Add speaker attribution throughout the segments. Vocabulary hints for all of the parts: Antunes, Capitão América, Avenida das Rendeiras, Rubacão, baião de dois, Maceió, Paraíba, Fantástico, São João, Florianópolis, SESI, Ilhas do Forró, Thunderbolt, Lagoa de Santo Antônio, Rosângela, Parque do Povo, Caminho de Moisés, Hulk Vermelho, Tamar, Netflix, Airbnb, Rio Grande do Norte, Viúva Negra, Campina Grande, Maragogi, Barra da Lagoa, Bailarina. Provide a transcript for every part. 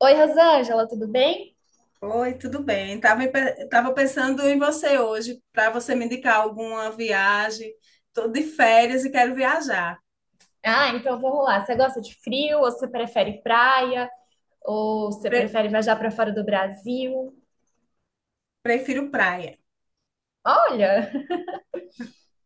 Speaker 1: Oi, Rosângela, tudo bem?
Speaker 2: Oi, tudo bem? Estava tava pensando em você hoje, para você me indicar alguma viagem. Estou de férias e quero viajar.
Speaker 1: Ah, então vamos lá. Você gosta de frio ou você prefere praia? Ou você
Speaker 2: Pre-
Speaker 1: prefere viajar para fora do Brasil?
Speaker 2: Prefiro praia.
Speaker 1: Olha,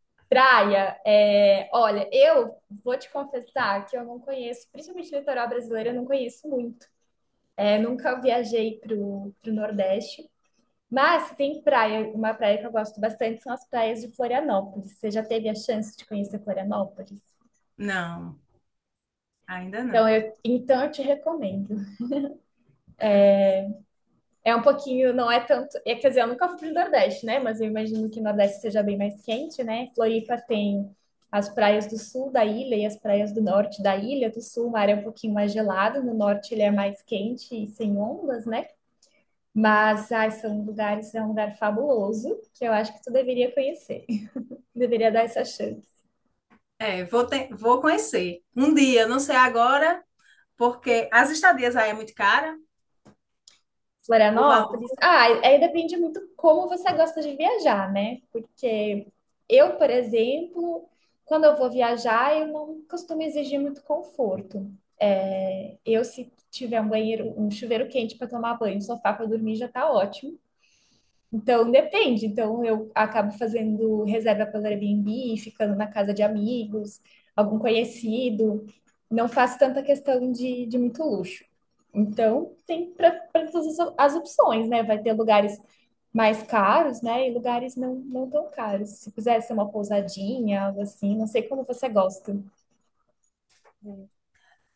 Speaker 1: praia, é, olha, eu vou te confessar que eu não conheço, principalmente o litoral brasileiro, eu não conheço muito. É, nunca viajei para o Nordeste, mas tem praia, uma praia que eu gosto bastante são as praias de Florianópolis. Você já teve a chance de conhecer Florianópolis?
Speaker 2: Não, ainda
Speaker 1: Então
Speaker 2: não.
Speaker 1: eu, então eu te recomendo. É um pouquinho, não é tanto. É, quer dizer, eu nunca fui pro Nordeste, né? Mas eu imagino que o Nordeste seja bem mais quente, né? Floripa tem as praias do sul da ilha e as praias do norte da ilha. Do sul, o mar é um pouquinho mais gelado, no norte ele é mais quente e sem ondas, né? Mas ai, são lugares, é um lugar fabuloso que eu acho que tu deveria conhecer. Deveria dar essa chance.
Speaker 2: É, vou conhecer. Um dia, não sei agora, porque as estadias aí é muito cara, o valor.
Speaker 1: Florianópolis? Ah, aí depende muito como você gosta de viajar, né? Porque eu, por exemplo, quando eu vou viajar, eu não costumo exigir muito conforto. É, eu, se tiver um banheiro, um chuveiro quente para tomar banho, um sofá para dormir, já tá ótimo. Então, depende. Então, eu acabo fazendo reserva pelo Airbnb, ficando na casa de amigos, algum conhecido. Não faço tanta questão de muito luxo. Então, tem para todas as opções, né? Vai ter lugares mais caros, né? E lugares não tão caros. Se quiser ser uma pousadinha, algo assim, não sei como você gosta.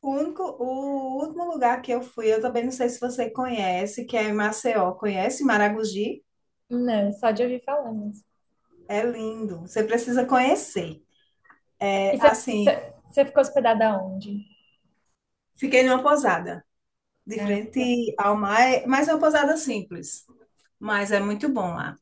Speaker 2: O último lugar que eu fui, eu também não sei se você conhece, que é em Maceió. Conhece Maragogi?
Speaker 1: Não, só de ouvir falar mesmo.
Speaker 2: É lindo. Você precisa conhecer.
Speaker 1: E
Speaker 2: É, assim,
Speaker 1: você ficou hospedada onde?
Speaker 2: fiquei numa pousada de
Speaker 1: Ah, legal.
Speaker 2: frente ao mar, mas é uma pousada simples. Mas é muito bom lá.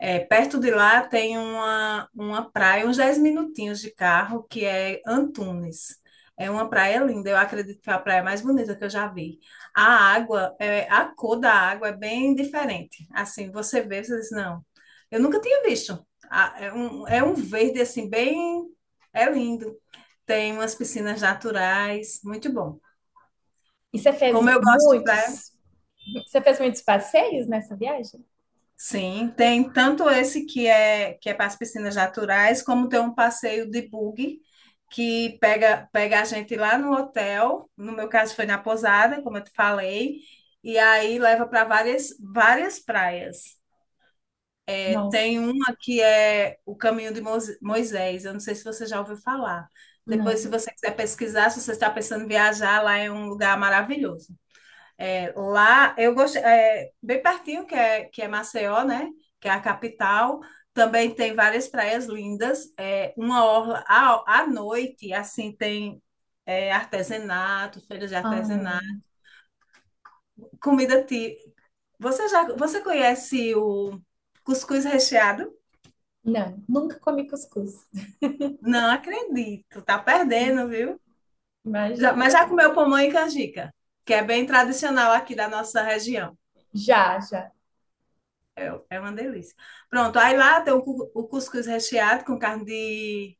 Speaker 2: É, perto de lá tem uma praia, uns 10 minutinhos de carro, que é Antunes. É uma praia linda, eu acredito que é a praia mais bonita que eu já vi. A a cor da água é bem diferente. Assim, você vê, você diz, não, eu nunca tinha visto. Ah, é um verde, assim, bem. É lindo. Tem umas piscinas naturais, muito bom.
Speaker 1: E você fez
Speaker 2: Como eu gosto de praia.
Speaker 1: muitos Você fez muitos passeios nessa viagem?
Speaker 2: Sim, tem tanto esse que é para as piscinas naturais, como tem um passeio de buggy que pega a gente lá no hotel, no meu caso foi na Pousada, como eu te falei, e aí leva para várias praias. É,
Speaker 1: Nossa,
Speaker 2: tem uma que é o Caminho de Moisés, eu não sei se você já ouviu falar. Depois, se
Speaker 1: não.
Speaker 2: você quiser pesquisar, se você está pensando em viajar, lá é um lugar maravilhoso. É, lá, eu gostei, é, bem pertinho, que é Maceió, né? Que é a capital. Também tem várias praias lindas. É, uma orla à noite, assim, tem artesanato, feiras de artesanato,
Speaker 1: Ah,
Speaker 2: comida ti. Você conhece o cuscuz recheado?
Speaker 1: não, nunca comi cuscuz.
Speaker 2: Não acredito, tá perdendo,
Speaker 1: Hum,
Speaker 2: viu?
Speaker 1: Imagina.
Speaker 2: Mas já comeu pamonha e canjica, que é bem tradicional aqui da nossa região.
Speaker 1: Já, já.
Speaker 2: É uma delícia. Pronto, aí lá tem o cuscuz recheado com carne de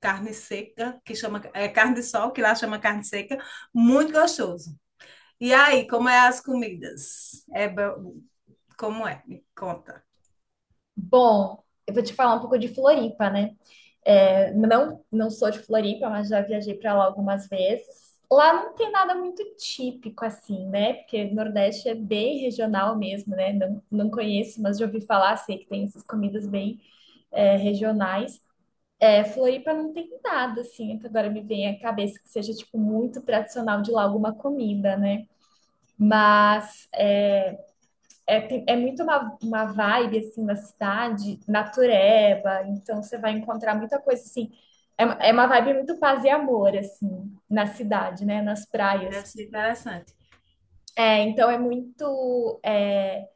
Speaker 2: carne seca, que chama é carne de sol, que lá chama carne seca, muito gostoso. E aí, como é as comidas? Como é? Me conta.
Speaker 1: Bom, eu vou te falar um pouco de Floripa, né? É, não sou de Floripa, mas já viajei para lá algumas vezes. Lá não tem nada muito típico assim, né? Porque Nordeste é bem regional mesmo, né? Não, não conheço, mas já ouvi falar, sei que tem essas comidas bem regionais. É, Floripa não tem nada, assim, é que agora me vem à cabeça que seja, tipo, muito tradicional de lá alguma comida, né? Mas é muito uma vibe, assim, da cidade, natureba, então você vai encontrar muita coisa, assim, é uma vibe muito paz e amor, assim, na cidade, né? Nas
Speaker 2: Deve
Speaker 1: praias.
Speaker 2: ser interessante.
Speaker 1: É, então é muito... é,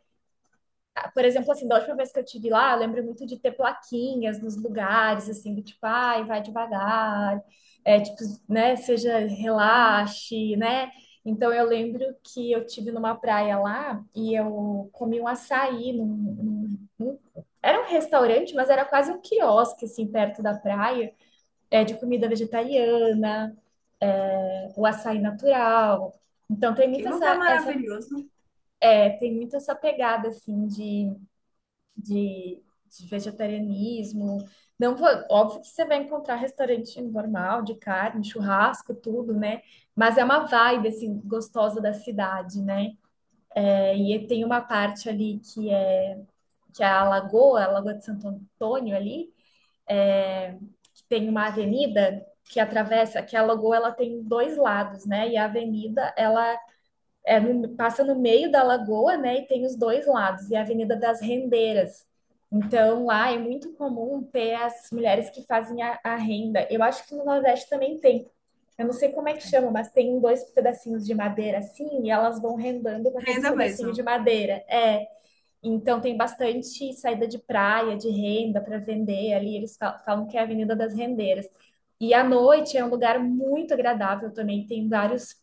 Speaker 1: por exemplo, assim, da última vez que eu tive lá, eu lembro muito de ter plaquinhas nos lugares, assim, do tipo, ai, vai devagar, é, tipo, né, seja,
Speaker 2: Ah,
Speaker 1: relaxe, né? Então, eu lembro que eu tive numa praia lá e eu comi um açaí num era um restaurante, mas era quase um quiosque, assim, perto da praia, é, de comida vegetariana, é, o açaí natural. Então, tem
Speaker 2: que
Speaker 1: muito
Speaker 2: lugar
Speaker 1: essa, essa,
Speaker 2: maravilhoso.
Speaker 1: é, tem muito essa pegada, assim, de, de vegetarianismo. Não vou, óbvio que você vai encontrar restaurante normal, de carne, churrasco, tudo, né? Mas é uma vibe, assim, gostosa da cidade, né? É, e tem uma parte ali que é a Lagoa de Santo Antônio ali, é, que tem uma avenida que atravessa, que a Lagoa, ela tem dois lados, né? E a avenida, ela passa no meio da lagoa, né? E tem os dois lados, e a Avenida das Rendeiras. Então, lá é muito comum ter as mulheres que fazem a renda. Eu acho que no Nordeste também tem. Eu não sei como é que chama, mas tem dois pedacinhos de madeira assim, e elas vão rendando com aqueles
Speaker 2: Ainda
Speaker 1: pedacinhos de
Speaker 2: mesmo.
Speaker 1: madeira. É, então tem bastante saída de praia, de renda para vender ali. Eles falam que é a Avenida das Rendeiras. E à noite é um lugar muito agradável também, tem vários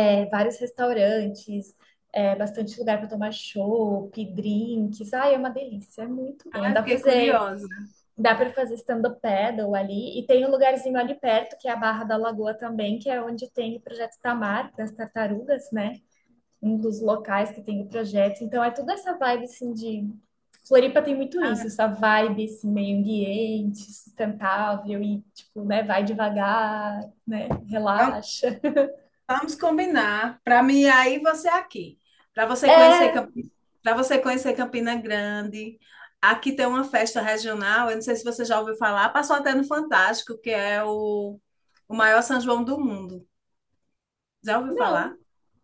Speaker 1: é, vários restaurantes, é, bastante lugar para tomar chopp, drinks. Ai, é uma delícia, é muito bom.
Speaker 2: Ah, eu fiquei curiosa.
Speaker 1: Dá para fazer stand-up paddle ali. E tem um lugarzinho ali perto, que é a Barra da Lagoa também, que é onde tem o projeto Tamar, das tartarugas, né? Um dos locais que tem o projeto. Então, é toda essa vibe, assim, de... Floripa tem muito isso,
Speaker 2: Ah,
Speaker 1: essa vibe, esse meio ambiente, sustentável e, tipo, né, vai devagar, né,
Speaker 2: vamos-
Speaker 1: relaxa.
Speaker 2: Vamos combinar. Para mim, aí você é aqui. Para você conhecer,
Speaker 1: É,
Speaker 2: para você conhecer Campina Grande. Aqui tem uma festa regional, eu não sei se você já ouviu falar, passou até no Fantástico, que é o maior São João do mundo. Já ouviu
Speaker 1: não,
Speaker 2: falar?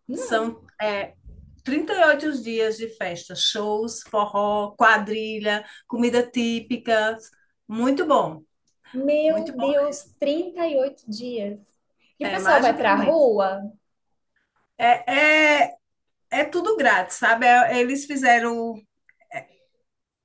Speaker 1: não,
Speaker 2: São 38 dias de festa, shows, forró, quadrilha, comida típica. Muito bom, muito
Speaker 1: Meu
Speaker 2: bom
Speaker 1: Deus,
Speaker 2: mesmo.
Speaker 1: 38 dias. E o
Speaker 2: É
Speaker 1: pessoal
Speaker 2: mais do
Speaker 1: vai
Speaker 2: que
Speaker 1: pra
Speaker 2: um mês.
Speaker 1: rua?
Speaker 2: É, é, é tudo grátis, sabe? Eles fizeram.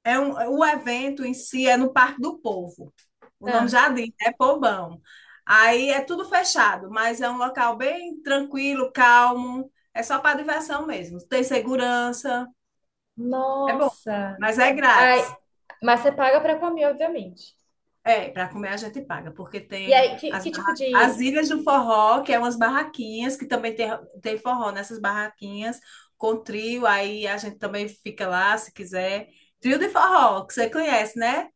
Speaker 2: É um, o evento em si é no Parque do Povo. O nome
Speaker 1: Ah,
Speaker 2: já diz, é povão. Aí é tudo fechado, mas é um local bem tranquilo, calmo. É só para diversão mesmo. Tem segurança, é bom,
Speaker 1: nossa.
Speaker 2: mas é
Speaker 1: Ai,
Speaker 2: grátis.
Speaker 1: mas você paga pra comer, obviamente.
Speaker 2: É, para comer a gente paga, porque
Speaker 1: E
Speaker 2: tem
Speaker 1: aí,
Speaker 2: as,
Speaker 1: que tipo
Speaker 2: barra- as
Speaker 1: de.
Speaker 2: Ilhas do Forró, que é umas barraquinhas, que também tem forró nessas barraquinhas, com trio, aí a gente também fica lá, se quiser. Trio de forró, que você conhece, né?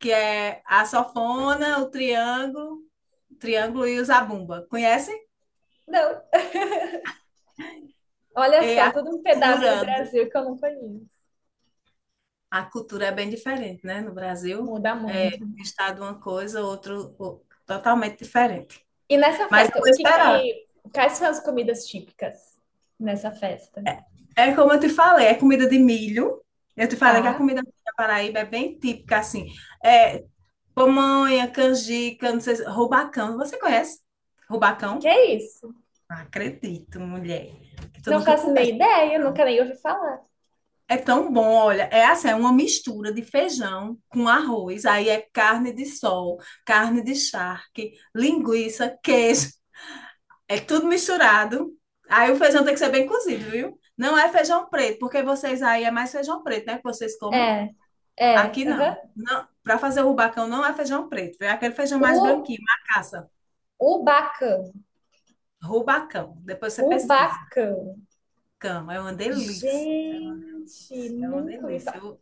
Speaker 2: Que é a sanfona, o triângulo e o zabumba. Conhecem?
Speaker 1: Não, olha
Speaker 2: É
Speaker 1: só,
Speaker 2: a
Speaker 1: todo um pedaço
Speaker 2: cultura,
Speaker 1: do Brasil que eu não conheço.
Speaker 2: a cultura é bem diferente, né? No Brasil,
Speaker 1: Muda muito.
Speaker 2: é um estado uma coisa, outro, totalmente diferente.
Speaker 1: E nessa
Speaker 2: Mas eu
Speaker 1: festa,
Speaker 2: vou
Speaker 1: o que
Speaker 2: esperar.
Speaker 1: que. Quais são as comidas típicas nessa festa?
Speaker 2: É como eu te falei, é comida de milho. Eu te falei que a
Speaker 1: Tá?
Speaker 2: comida da Paraíba é bem típica, assim. É pamonha, canjica, não sei, rubacão. Você conhece
Speaker 1: O que que
Speaker 2: rubacão?
Speaker 1: é isso?
Speaker 2: Não acredito, mulher, que tu
Speaker 1: Não
Speaker 2: nunca
Speaker 1: faço
Speaker 2: comeu.
Speaker 1: nem ideia, nunca nem ouvi falar.
Speaker 2: É tão bom, olha, é assim, é uma mistura de feijão com arroz, aí é carne de sol, carne de charque, linguiça, queijo, é tudo misturado. Aí o feijão tem que ser bem cozido, viu? Não é feijão preto, porque vocês aí é mais feijão preto, né? Que vocês comem?
Speaker 1: É, é,
Speaker 2: Aqui não.
Speaker 1: aham.
Speaker 2: Não, para fazer o rubacão não é feijão preto, é aquele feijão mais
Speaker 1: O
Speaker 2: branquinho, macaça,
Speaker 1: Rubacão.
Speaker 2: rubacão. Depois você pesquisa.
Speaker 1: Rubacão.
Speaker 2: Cão, é uma delícia.
Speaker 1: Gente,
Speaker 2: É uma
Speaker 1: nunca me
Speaker 2: delícia.
Speaker 1: fala.
Speaker 2: Eu,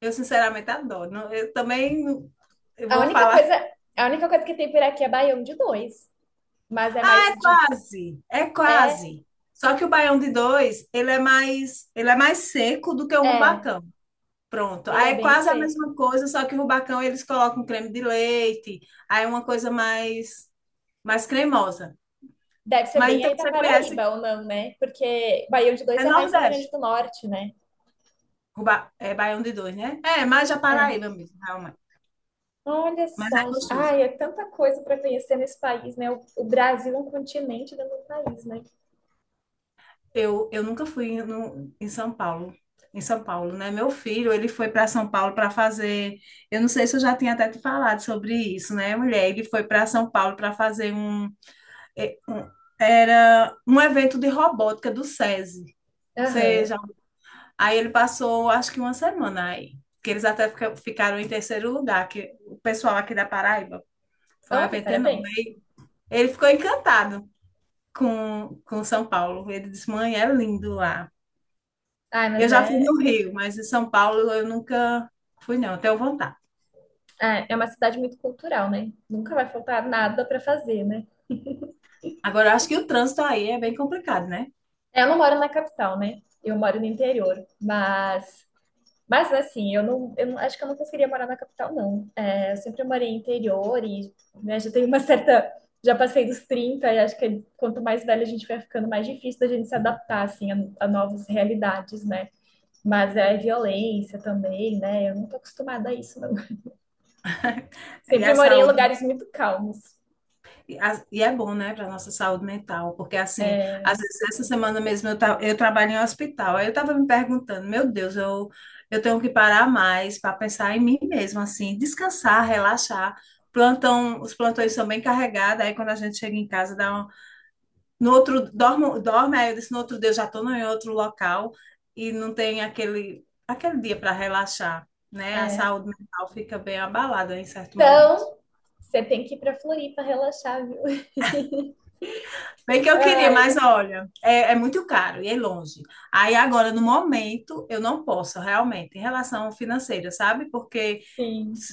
Speaker 2: eu sinceramente adoro. Não, Eu também não- eu
Speaker 1: A
Speaker 2: vou
Speaker 1: única
Speaker 2: falar
Speaker 1: coisa, a única coisa que tem por aqui é baião de dois, mas é mais de
Speaker 2: quase, é
Speaker 1: é,
Speaker 2: quase. Só que o baião de dois, ele é mais seco do que o
Speaker 1: é,
Speaker 2: rubacão. Pronto.
Speaker 1: ele
Speaker 2: Aí
Speaker 1: é
Speaker 2: é
Speaker 1: bem
Speaker 2: quase a
Speaker 1: seco.
Speaker 2: mesma coisa, só que o rubacão eles colocam creme de leite, aí é uma coisa mais cremosa.
Speaker 1: Deve ser
Speaker 2: Mas
Speaker 1: bem
Speaker 2: então
Speaker 1: aí da
Speaker 2: você conhece,
Speaker 1: Paraíba ou não, né? Porque baião de dois
Speaker 2: é
Speaker 1: é mais Rio Grande
Speaker 2: Nordeste.
Speaker 1: do Norte, né?
Speaker 2: É baião de dois, né? É, mais a
Speaker 1: É.
Speaker 2: Paraíba mesmo, realmente.
Speaker 1: Olha
Speaker 2: Mas é
Speaker 1: só, gente.
Speaker 2: gostoso.
Speaker 1: Ai, é tanta coisa para conhecer nesse país, né? O Brasil é um continente dentro do país, né?
Speaker 2: Eu nunca fui no, em São Paulo, né? Meu filho, ele foi para São Paulo para fazer, eu não sei se eu já tinha até te falado sobre isso, né, mulher? Ele foi para São Paulo para fazer é, um- era um evento de robótica do SESI. Ou
Speaker 1: Aham.
Speaker 2: já. Aí ele passou, acho que uma semana aí, que eles até ficaram em terceiro lugar, que o pessoal aqui da Paraíba foi um
Speaker 1: Olha,
Speaker 2: evento enorme.
Speaker 1: parabéns.
Speaker 2: Ele ficou encantado com São Paulo. Ele disse, mãe, é lindo lá.
Speaker 1: Ai,
Speaker 2: Eu já fui no Rio, mas em São Paulo eu nunca fui, não. Tenho vontade.
Speaker 1: é é uma cidade muito cultural, né? Nunca vai faltar nada para fazer, né?
Speaker 2: Agora, eu acho que o trânsito aí é bem complicado, né?
Speaker 1: É, eu não moro na capital, né? Eu moro no interior, mas assim, eu não- acho que eu não conseguiria morar na capital, não. É, eu sempre morei em interior e né, já tenho uma certa, já passei dos 30 e acho que quanto mais velha a gente vai ficando, mais difícil da gente se adaptar assim a novas realidades, né? Mas é violência também, né? Eu não tô acostumada a isso, não.
Speaker 2: E
Speaker 1: Sempre
Speaker 2: a
Speaker 1: morei em
Speaker 2: saúde,
Speaker 1: lugares muito calmos.
Speaker 2: e é bom, né, para nossa saúde mental, porque assim, às vezes essa semana mesmo eu trabalho em um hospital, aí eu estava me perguntando, meu Deus, eu tenho que parar mais para pensar em mim mesma, assim, descansar, relaxar. Plantão, os plantões são bem carregados, aí quando a gente chega em casa dá. No outro, dorme, dorme, aí eu disse, no outro dia eu já estou em outro local e não tem aquele dia para relaxar, né? A
Speaker 1: É.
Speaker 2: saúde mental fica bem abalada em certo momento.
Speaker 1: Então, você tem que ir pra Floripa relaxar, viu?
Speaker 2: Bem que eu queria,
Speaker 1: Ai,
Speaker 2: mas olha, é muito caro e é longe. Aí agora, no momento, eu não posso realmente, em relação financeira, sabe? Porque
Speaker 1: sim.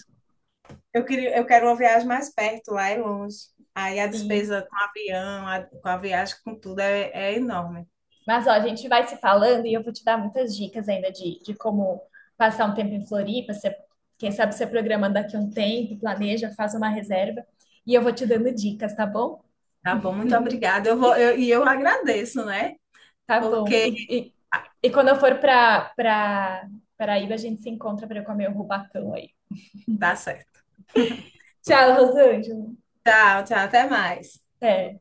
Speaker 2: eu quero uma viagem mais perto, lá é longe. Aí a
Speaker 1: Sim.
Speaker 2: despesa com avião, com a viagem, com tudo, é enorme.
Speaker 1: Mas, ó, a gente vai se falando e eu vou te dar muitas dicas ainda de como passar um tempo em Floripa. Você, quem sabe você programando daqui a um tempo, planeja, faz uma reserva. E eu vou te dando dicas, tá bom?
Speaker 2: Tá bom, muito obrigada. E eu agradeço, né?
Speaker 1: Tá bom.
Speaker 2: Porque.
Speaker 1: E, e,
Speaker 2: Ah,
Speaker 1: e quando eu for para Paraíba, a gente se encontra para eu comer o rubacão aí.
Speaker 2: tá certo.
Speaker 1: Tchau, Rosângela.
Speaker 2: Tchau, tchau, até mais.
Speaker 1: Até.